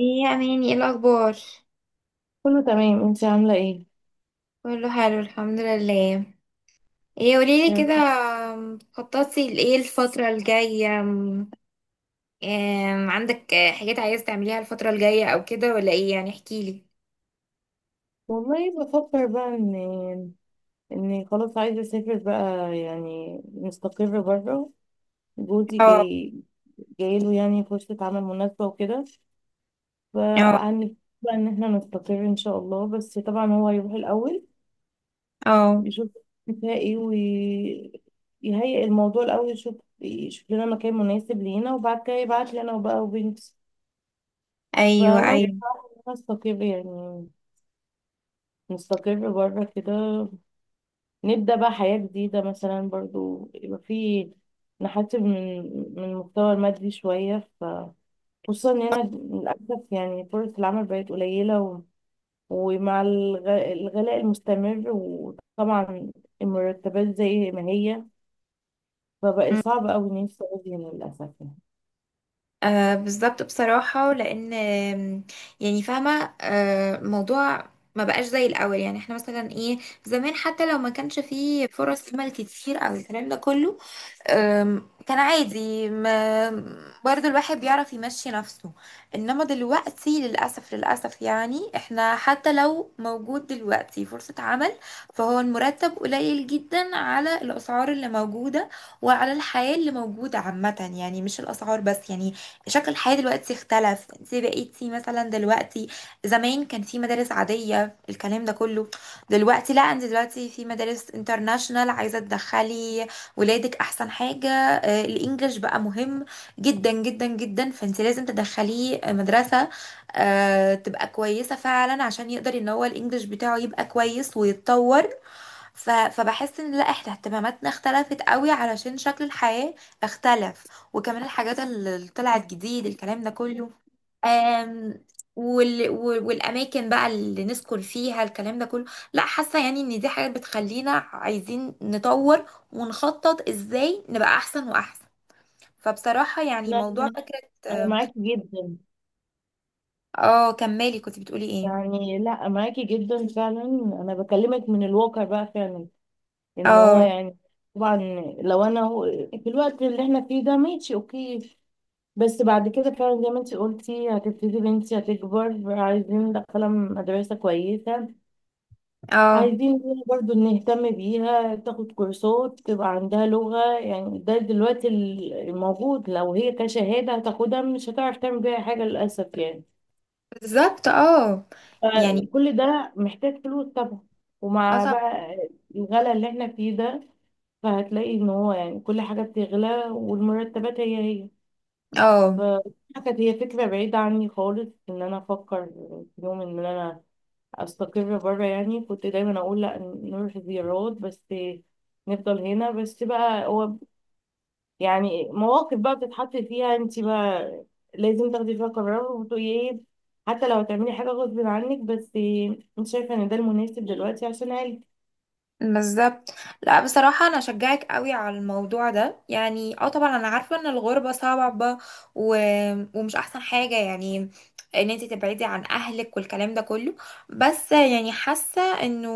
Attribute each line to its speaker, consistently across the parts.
Speaker 1: ايه يا اماني، ايه الاخبار؟
Speaker 2: كله تمام، انتي عاملة ايه؟
Speaker 1: كله حلو، الحمد لله. ايه، قوليلي
Speaker 2: يا
Speaker 1: كده.
Speaker 2: رب.
Speaker 1: خططتي لايه الفتره الجايه؟ عندك حاجات عايزه تعمليها الفتره الجايه او كده، ولا ايه؟ يعني احكيلي.
Speaker 2: والله بفكر بقى ان خلاص عايزة اسافر بقى، يعني مستقر بره. جوزي
Speaker 1: اه،
Speaker 2: جاي جايله يعني فرصة عمل مناسبة وكده.
Speaker 1: اه،
Speaker 2: فهنبقى بقى ان احنا نستقر ان شاء الله. بس طبعا هو هيروح الأول
Speaker 1: اه.
Speaker 2: يشوف فيها ايه ويهيئ الموضوع الأول، يشوف لنا مكان مناسب لينا، وبعد كده يبعت لي انا وبقى وبنتي.
Speaker 1: ايوه،
Speaker 2: فانا ناوية
Speaker 1: ايوه.
Speaker 2: انا استقر، يعني نستقر بره كده، نبدأ بقى حياة جديدة. مثلا برضو يبقى في، نحسب من المحتوى المادي شوية. خصوصا إن هنا للأسف يعني فرص العمل بقت قليلة، ومع الغلاء المستمر، وطبعا المرتبات زي ما هي، فبقى
Speaker 1: أمم.
Speaker 2: صعب أوي إن أنت تقعدي هنا للأسف يعني.
Speaker 1: آه، بالظبط، بصراحه لان يعني فاهمه، موضوع ما بقاش زي الاول. يعني احنا مثلا ايه، زمان حتى لو ما كانش فيه فرص عمل كتير او الكلام ده كله، كان عادي. ما برضو الواحد بيعرف يمشي نفسه، انما دلوقتي للأسف للأسف. يعني احنا حتى لو موجود دلوقتي فرصة عمل، فهو المرتب قليل جدا على الأسعار اللي موجودة وعلى الحياة اللي موجودة عامة، يعني مش الأسعار بس. يعني شكل الحياة دلوقتي اختلف، انت بقيتي مثلا دلوقتي، زمان كان في مدارس عادية الكلام ده كله، دلوقتي لا، انت دلوقتي في مدارس انترناشنال عايزة تدخلي ولادك احسن حاجة. الانجليش بقى مهم جدا جدا جدا، فانت لازم تدخليه مدرسة تبقى كويسة فعلا، عشان يقدر ان هو الانجليش بتاعه يبقى كويس ويتطور. فبحس ان لا، احنا اهتماماتنا اختلفت قوي علشان شكل الحياة اختلف، وكمان الحاجات اللي طلعت جديد الكلام ده كله. آم... والاماكن بقى اللي نسكن فيها الكلام ده كله، لا، حاسة يعني ان دي حاجات بتخلينا عايزين نطور ونخطط ازاي نبقى احسن واحسن. فبصراحة يعني
Speaker 2: لا،
Speaker 1: موضوع فكرة.
Speaker 2: أنا معاكي جدا،
Speaker 1: اه، كملي، كنت بتقولي ايه؟
Speaker 2: يعني لا معاكي جدا فعلا. أنا بكلمك من الواقع بقى فعلا، ان هو
Speaker 1: اه.
Speaker 2: يعني طبعا لو انا هو- في الوقت اللي احنا فيه ده ماشي اوكي، بس بعد كده فعلا زي ما انت قلتي هتبتدي بنتي هتكبر، عايزين ندخلها مدرسة كويسة،
Speaker 1: اه.
Speaker 2: عايزين ليها برضو نهتم بيها تاخد كورسات تبقى عندها لغة. يعني ده دلوقتي الموجود لو هي كشهادة هتاخدها مش هتعرف تعمل بيها حاجة للأسف يعني.
Speaker 1: بالظبط، اه. يعني،
Speaker 2: فكل ده محتاج فلوس طبعا،
Speaker 1: اه.
Speaker 2: ومع
Speaker 1: طب.
Speaker 2: بقى الغلا اللي احنا فيه ده، فهتلاقي ان هو يعني كل حاجة بتغلى والمرتبات هي هي.
Speaker 1: اه،
Speaker 2: فدي كانت هي فكرة بعيدة عني خالص، ان انا افكر في يوم ان انا استقر بره يعني. كنت دايما اقول لا نروح زيارات بس، نفضل هنا. بس بقى هو يعني مواقف بقى بتتحط فيها انت بقى لازم تاخدي فيها قرار وتقولي ايه، حتى لو هتعملي حاجة غصب عنك، بس انت شايفة ان ده المناسب دلوقتي عشان عيلتك.
Speaker 1: بالظبط. لا بصراحة، أنا أشجعك قوي على الموضوع ده، يعني اه طبعا أنا عارفة إن الغربة صعبة و... ومش أحسن حاجة، يعني إن انتي تبعدي عن أهلك والكلام ده كله، بس يعني حاسة إنه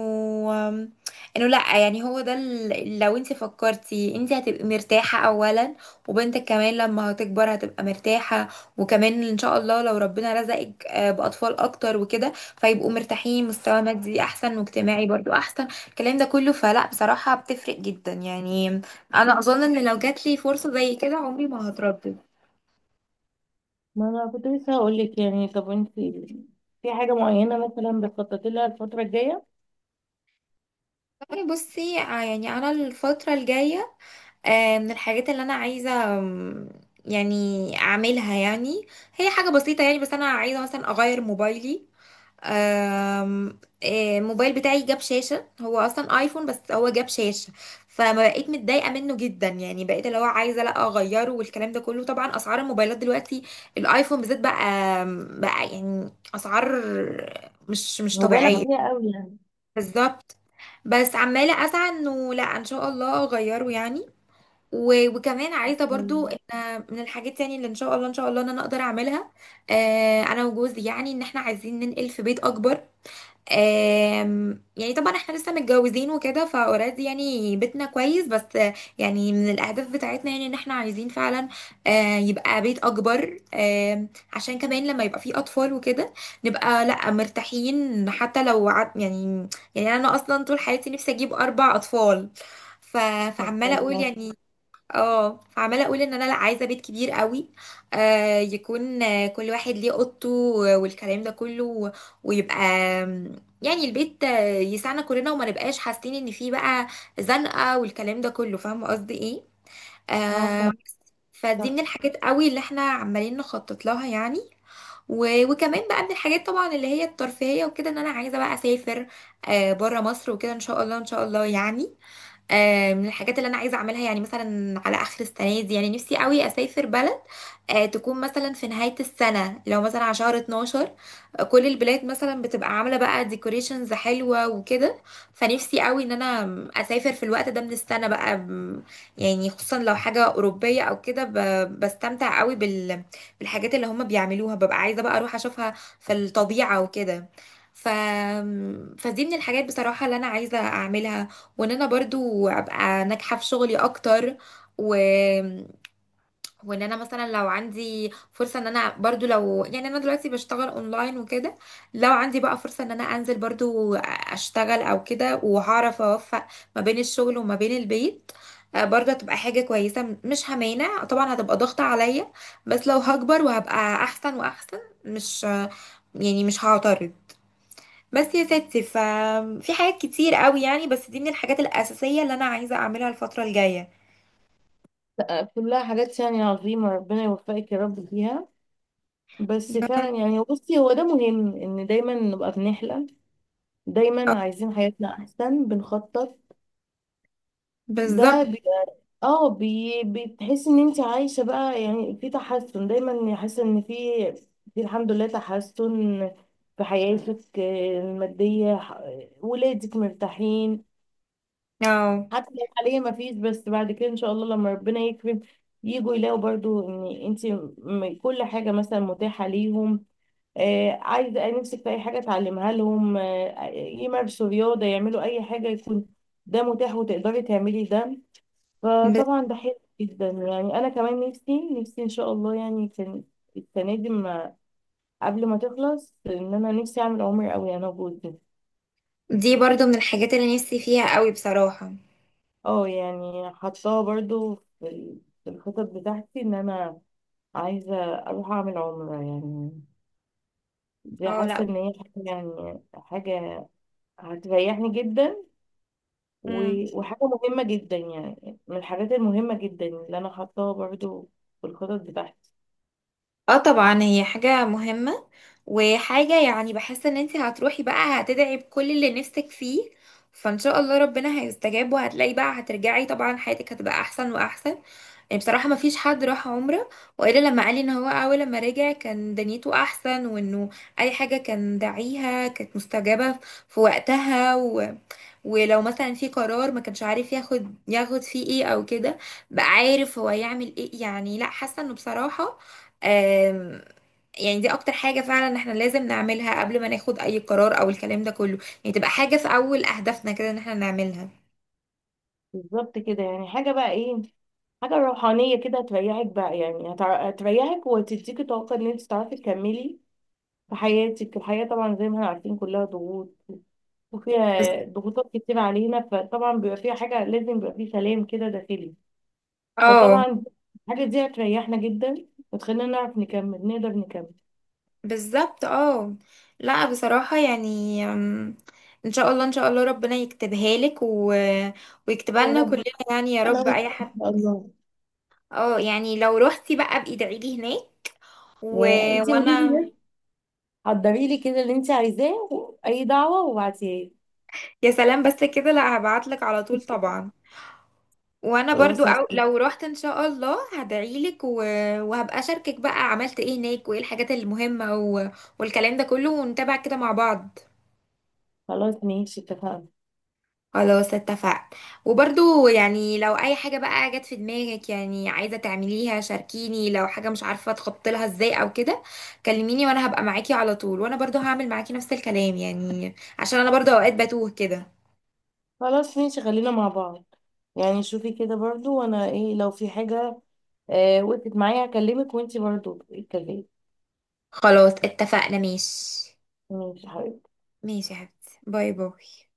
Speaker 1: إنه لأ. يعني هو ده لو انتي فكرتي، انتي هتبقي مرتاحة أولا، وبنتك كمان لما هتكبر هتبقى مرتاحة، وكمان إن شاء الله لو ربنا رزقك بأطفال أكتر وكده، فيبقوا مرتاحين، مستوى مادي أحسن واجتماعي برضو أحسن. الكلام ده كله، فلا بصراحة بتفرق جدا يعني. أنا أظن إن لو جات لي فرصة زي كده، عمري ما هتردد.
Speaker 2: ما انا كنت لسه هقول لك، يعني طب انت في حاجه معينه مثلا بتخططي لها الفتره الجايه؟
Speaker 1: يعني بصي يعني أنا الفترة الجاية، من الحاجات اللي أنا عايزة، يعني أعملها، يعني هي حاجة بسيطة يعني، بس أنا عايزة مثلا أغير موبايلي. الموبايل بتاعي جاب شاشة، هو أصلا آيفون بس هو جاب شاشة، فما بقيت متضايقة منه جدا، يعني بقيت اللي هو عايزة لا أغيره والكلام ده كله. طبعا أسعار الموبايلات دلوقتي، الآيفون بالذات، بقى يعني أسعار مش
Speaker 2: مبالغ
Speaker 1: طبيعية.
Speaker 2: فيها قوي يعني.
Speaker 1: بالظبط. بس عمالة أسعى إنه لا، إن شاء الله أغيره يعني. وكمان عايزة
Speaker 2: مم.
Speaker 1: برضو إن من الحاجات يعني اللي إن شاء الله إن شاء الله إن أنا أقدر أعملها، أنا وجوزي، يعني إن إحنا عايزين ننقل في بيت أكبر. يعني طبعا احنا لسه متجوزين وكده، فاوريدي يعني بيتنا كويس، بس يعني من الاهداف بتاعتنا يعني ان احنا عايزين فعلا يبقى بيت اكبر، عشان كمان لما يبقى فيه اطفال وكده نبقى لا مرتاحين حتى لو عد يعني. يعني انا اصلا طول حياتي نفسي اجيب اربع اطفال. ف...
Speaker 2: ما شاء
Speaker 1: فعماله اقول
Speaker 2: الله.
Speaker 1: يعني. اه، فعماله اقول ان انا لا عايزه بيت كبير قوي، يكون كل واحد ليه اوضته والكلام ده كله. ويبقى آم، يعني البيت يسعنا كلنا، وما نبقاش حاسين ان فيه بقى زنقه والكلام ده كله، فاهمه قصدي ايه.
Speaker 2: اه، فاهمة.
Speaker 1: فدي من الحاجات قوي اللي احنا عمالين نخطط لها يعني. وكمان بقى من الحاجات طبعا اللي هي الترفيهيه وكده، ان انا عايزه بقى اسافر بره مصر وكده، ان شاء الله ان شاء الله يعني. من الحاجات اللي انا عايزه اعملها، يعني مثلا على اخر السنه دي، يعني نفسي قوي اسافر بلد تكون مثلا في نهايه السنه، لو مثلا على شهر 12، كل البلاد مثلا بتبقى عامله بقى ديكوريشنز حلوه وكده. فنفسي قوي ان انا اسافر في الوقت ده من السنه بقى. يعني خصوصا لو حاجه اوروبيه او كده، بستمتع قوي بال، بالحاجات اللي هم بيعملوها، ببقى عايزه بقى اروح اشوفها في الطبيعه وكده. ف... فدي من الحاجات بصراحة اللي أنا عايزة أعملها، وان انا برضو ابقى ناجحة في شغلي اكتر، و... وان انا مثلا لو عندي فرصة ان انا برضو، لو يعني انا دلوقتي بشتغل اونلاين وكده، لو عندي بقى فرصة ان انا انزل برضو اشتغل او كده، وهعرف اوفق ما بين الشغل وما بين البيت، برضه هتبقى حاجة كويسة، مش همانع طبعا، هتبقى ضغطة عليا بس لو هكبر وهبقى احسن واحسن، مش، يعني مش هعترض. بس يا ستي، ففي حاجات كتير قوي يعني، بس دي من الحاجات الأساسية اللي أنا عايزة أعملها الفترة الجاية.
Speaker 2: لا، كلها حاجات يعني عظيمه، ربنا يوفقك يا رب فيها. بس
Speaker 1: يا
Speaker 2: فعلا يعني بصي هو ده مهم، ان دايما نبقى بنحلم،
Speaker 1: رب.
Speaker 2: دايما عايزين حياتنا احسن، بنخطط. ده
Speaker 1: بالظبط.
Speaker 2: اه، بتحس ان انت عايشة بقى، يعني في تحسن دايما، حاسة ان في، في الحمد لله تحسن في حياتك. آه، المادية، ولادك مرتاحين
Speaker 1: اه.
Speaker 2: حتى لو حاليا ما فيش، بس بعد كده ان شاء الله لما ربنا يكرم يجوا يلاقوا برضو ان انت كل حاجة مثلا متاحة ليهم. آه، عايزة نفسك في اي حاجة تعلمها لهم، آه، يمارسوا رياضة، يعملوا اي حاجة، يكون ده متاح وتقدري تعملي ده.
Speaker 1: بس
Speaker 2: فطبعا ده حلو جدا. يعني انا كمان نفسي ان شاء الله، يعني كان السنه دي ما قبل ما تخلص ان انا نفسي اعمل عمرة قوي انا وجوزي.
Speaker 1: دي برضو من الحاجات اللي نفسي فيها قوي بصراحة.
Speaker 2: اه، يعني حطاها برضو في الخطط بتاعتي، ان انا عايزه اروح اعمل عمرة يعني. دي
Speaker 1: اه، لا.
Speaker 2: حاسه ان هي حاجه، يعني حاجه هتريحني جدا.
Speaker 1: مم.
Speaker 2: و- وحاجه مهمه جدا، يعني من الحاجات المهمه جدا اللي انا حطاها برضو في الخطط بتاعتي.
Speaker 1: اه طبعا، هي حاجة مهمة، وحاجة يعني بحس ان انت هتروحي بقى هتدعي بكل اللي نفسك فيه، فان شاء الله ربنا هيستجاب، وهتلاقي بقى هترجعي طبعا حياتك هتبقى احسن واحسن. يعني بصراحة ما فيش حد راح عمرة وإلا لما قال لي إن هو، أول لما رجع كان دنيته أحسن، وإنه أي حاجة كان داعيها كانت مستجابة في وقتها، ولو مثلا في قرار ما كانش عارف ياخد، فيه إيه أو كده، بقى عارف هو يعمل إيه. يعني لأ، حاسة إنه بصراحة، آم... يعني دي أكتر حاجة فعلا إحنا لازم نعملها قبل ما ناخد أي قرار أو الكلام ده كله، يعني تبقى حاجة في أول أهدافنا كده إن إحنا نعملها.
Speaker 2: بالظبط كده، يعني حاجة بقى ايه، حاجة روحانية كده هتريحك بقى، يعني هتريحك وتديكي طاقة ان انت تعرفي تكملي في حياتك. الحياة طبعا زي ما احنا عارفين كلها ضغوط،
Speaker 1: بس.
Speaker 2: وفيها ضغوطات كتير علينا، فطبعا بيبقى فيها حاجة لازم، بيبقى فيه سلام كده داخلي.
Speaker 1: اه،
Speaker 2: فطبعا الحاجة دي هتريحنا جدا وتخلينا نعرف نكمل، نقدر نكمل.
Speaker 1: بالظبط. اه، لا بصراحة يعني، ان شاء الله ان شاء الله ربنا يكتبها لك، ويكتبها
Speaker 2: يا
Speaker 1: لنا
Speaker 2: رب،
Speaker 1: كلنا. يعني يا
Speaker 2: انا
Speaker 1: رب
Speaker 2: وإنتي
Speaker 1: اي
Speaker 2: ان
Speaker 1: حد.
Speaker 2: شاء الله.
Speaker 1: اه، يعني لو روحتي بقى، ادعي لي هناك و...
Speaker 2: يا انتي قولي لي
Speaker 1: وانا.
Speaker 2: بس، حضري لي كده اللي انت عايزاه، اي دعوة وابعتيها لي.
Speaker 1: يا سلام، بس كده، لا، هبعت لك على طول طبعا. وانا برضو
Speaker 2: خلاص يا ستي.
Speaker 1: لو روحت ان شاء الله هدعي لك، وهبقى اشاركك بقى عملت ايه هناك وايه الحاجات المهمة، والكلام ده كله، ونتابع كده مع بعض.
Speaker 2: خلاص ماشي، اتفقنا.
Speaker 1: خلاص، اتفقنا. وبرضو يعني لو اي حاجة بقى جت في دماغك يعني عايزة تعمليها شاركيني، لو حاجة مش عارفة تخطط لها ازاي او كده كلميني، وانا هبقى معاكي على طول، وانا برضو هعمل معاكي نفس الكلام، يعني عشان انا برضو اوقات بتوه كده.
Speaker 2: خلاص ماشي، خلينا مع بعض. يعني شوفي كده برضو، وانا ايه لو في حاجة آه وقفت معايا هكلمك، وانتي برضو اتكلمي.
Speaker 1: خلاص، اتفقنا، ماشي.
Speaker 2: ماشي يا حبيبتي.
Speaker 1: ماشي يا حبيبتي، باي باي.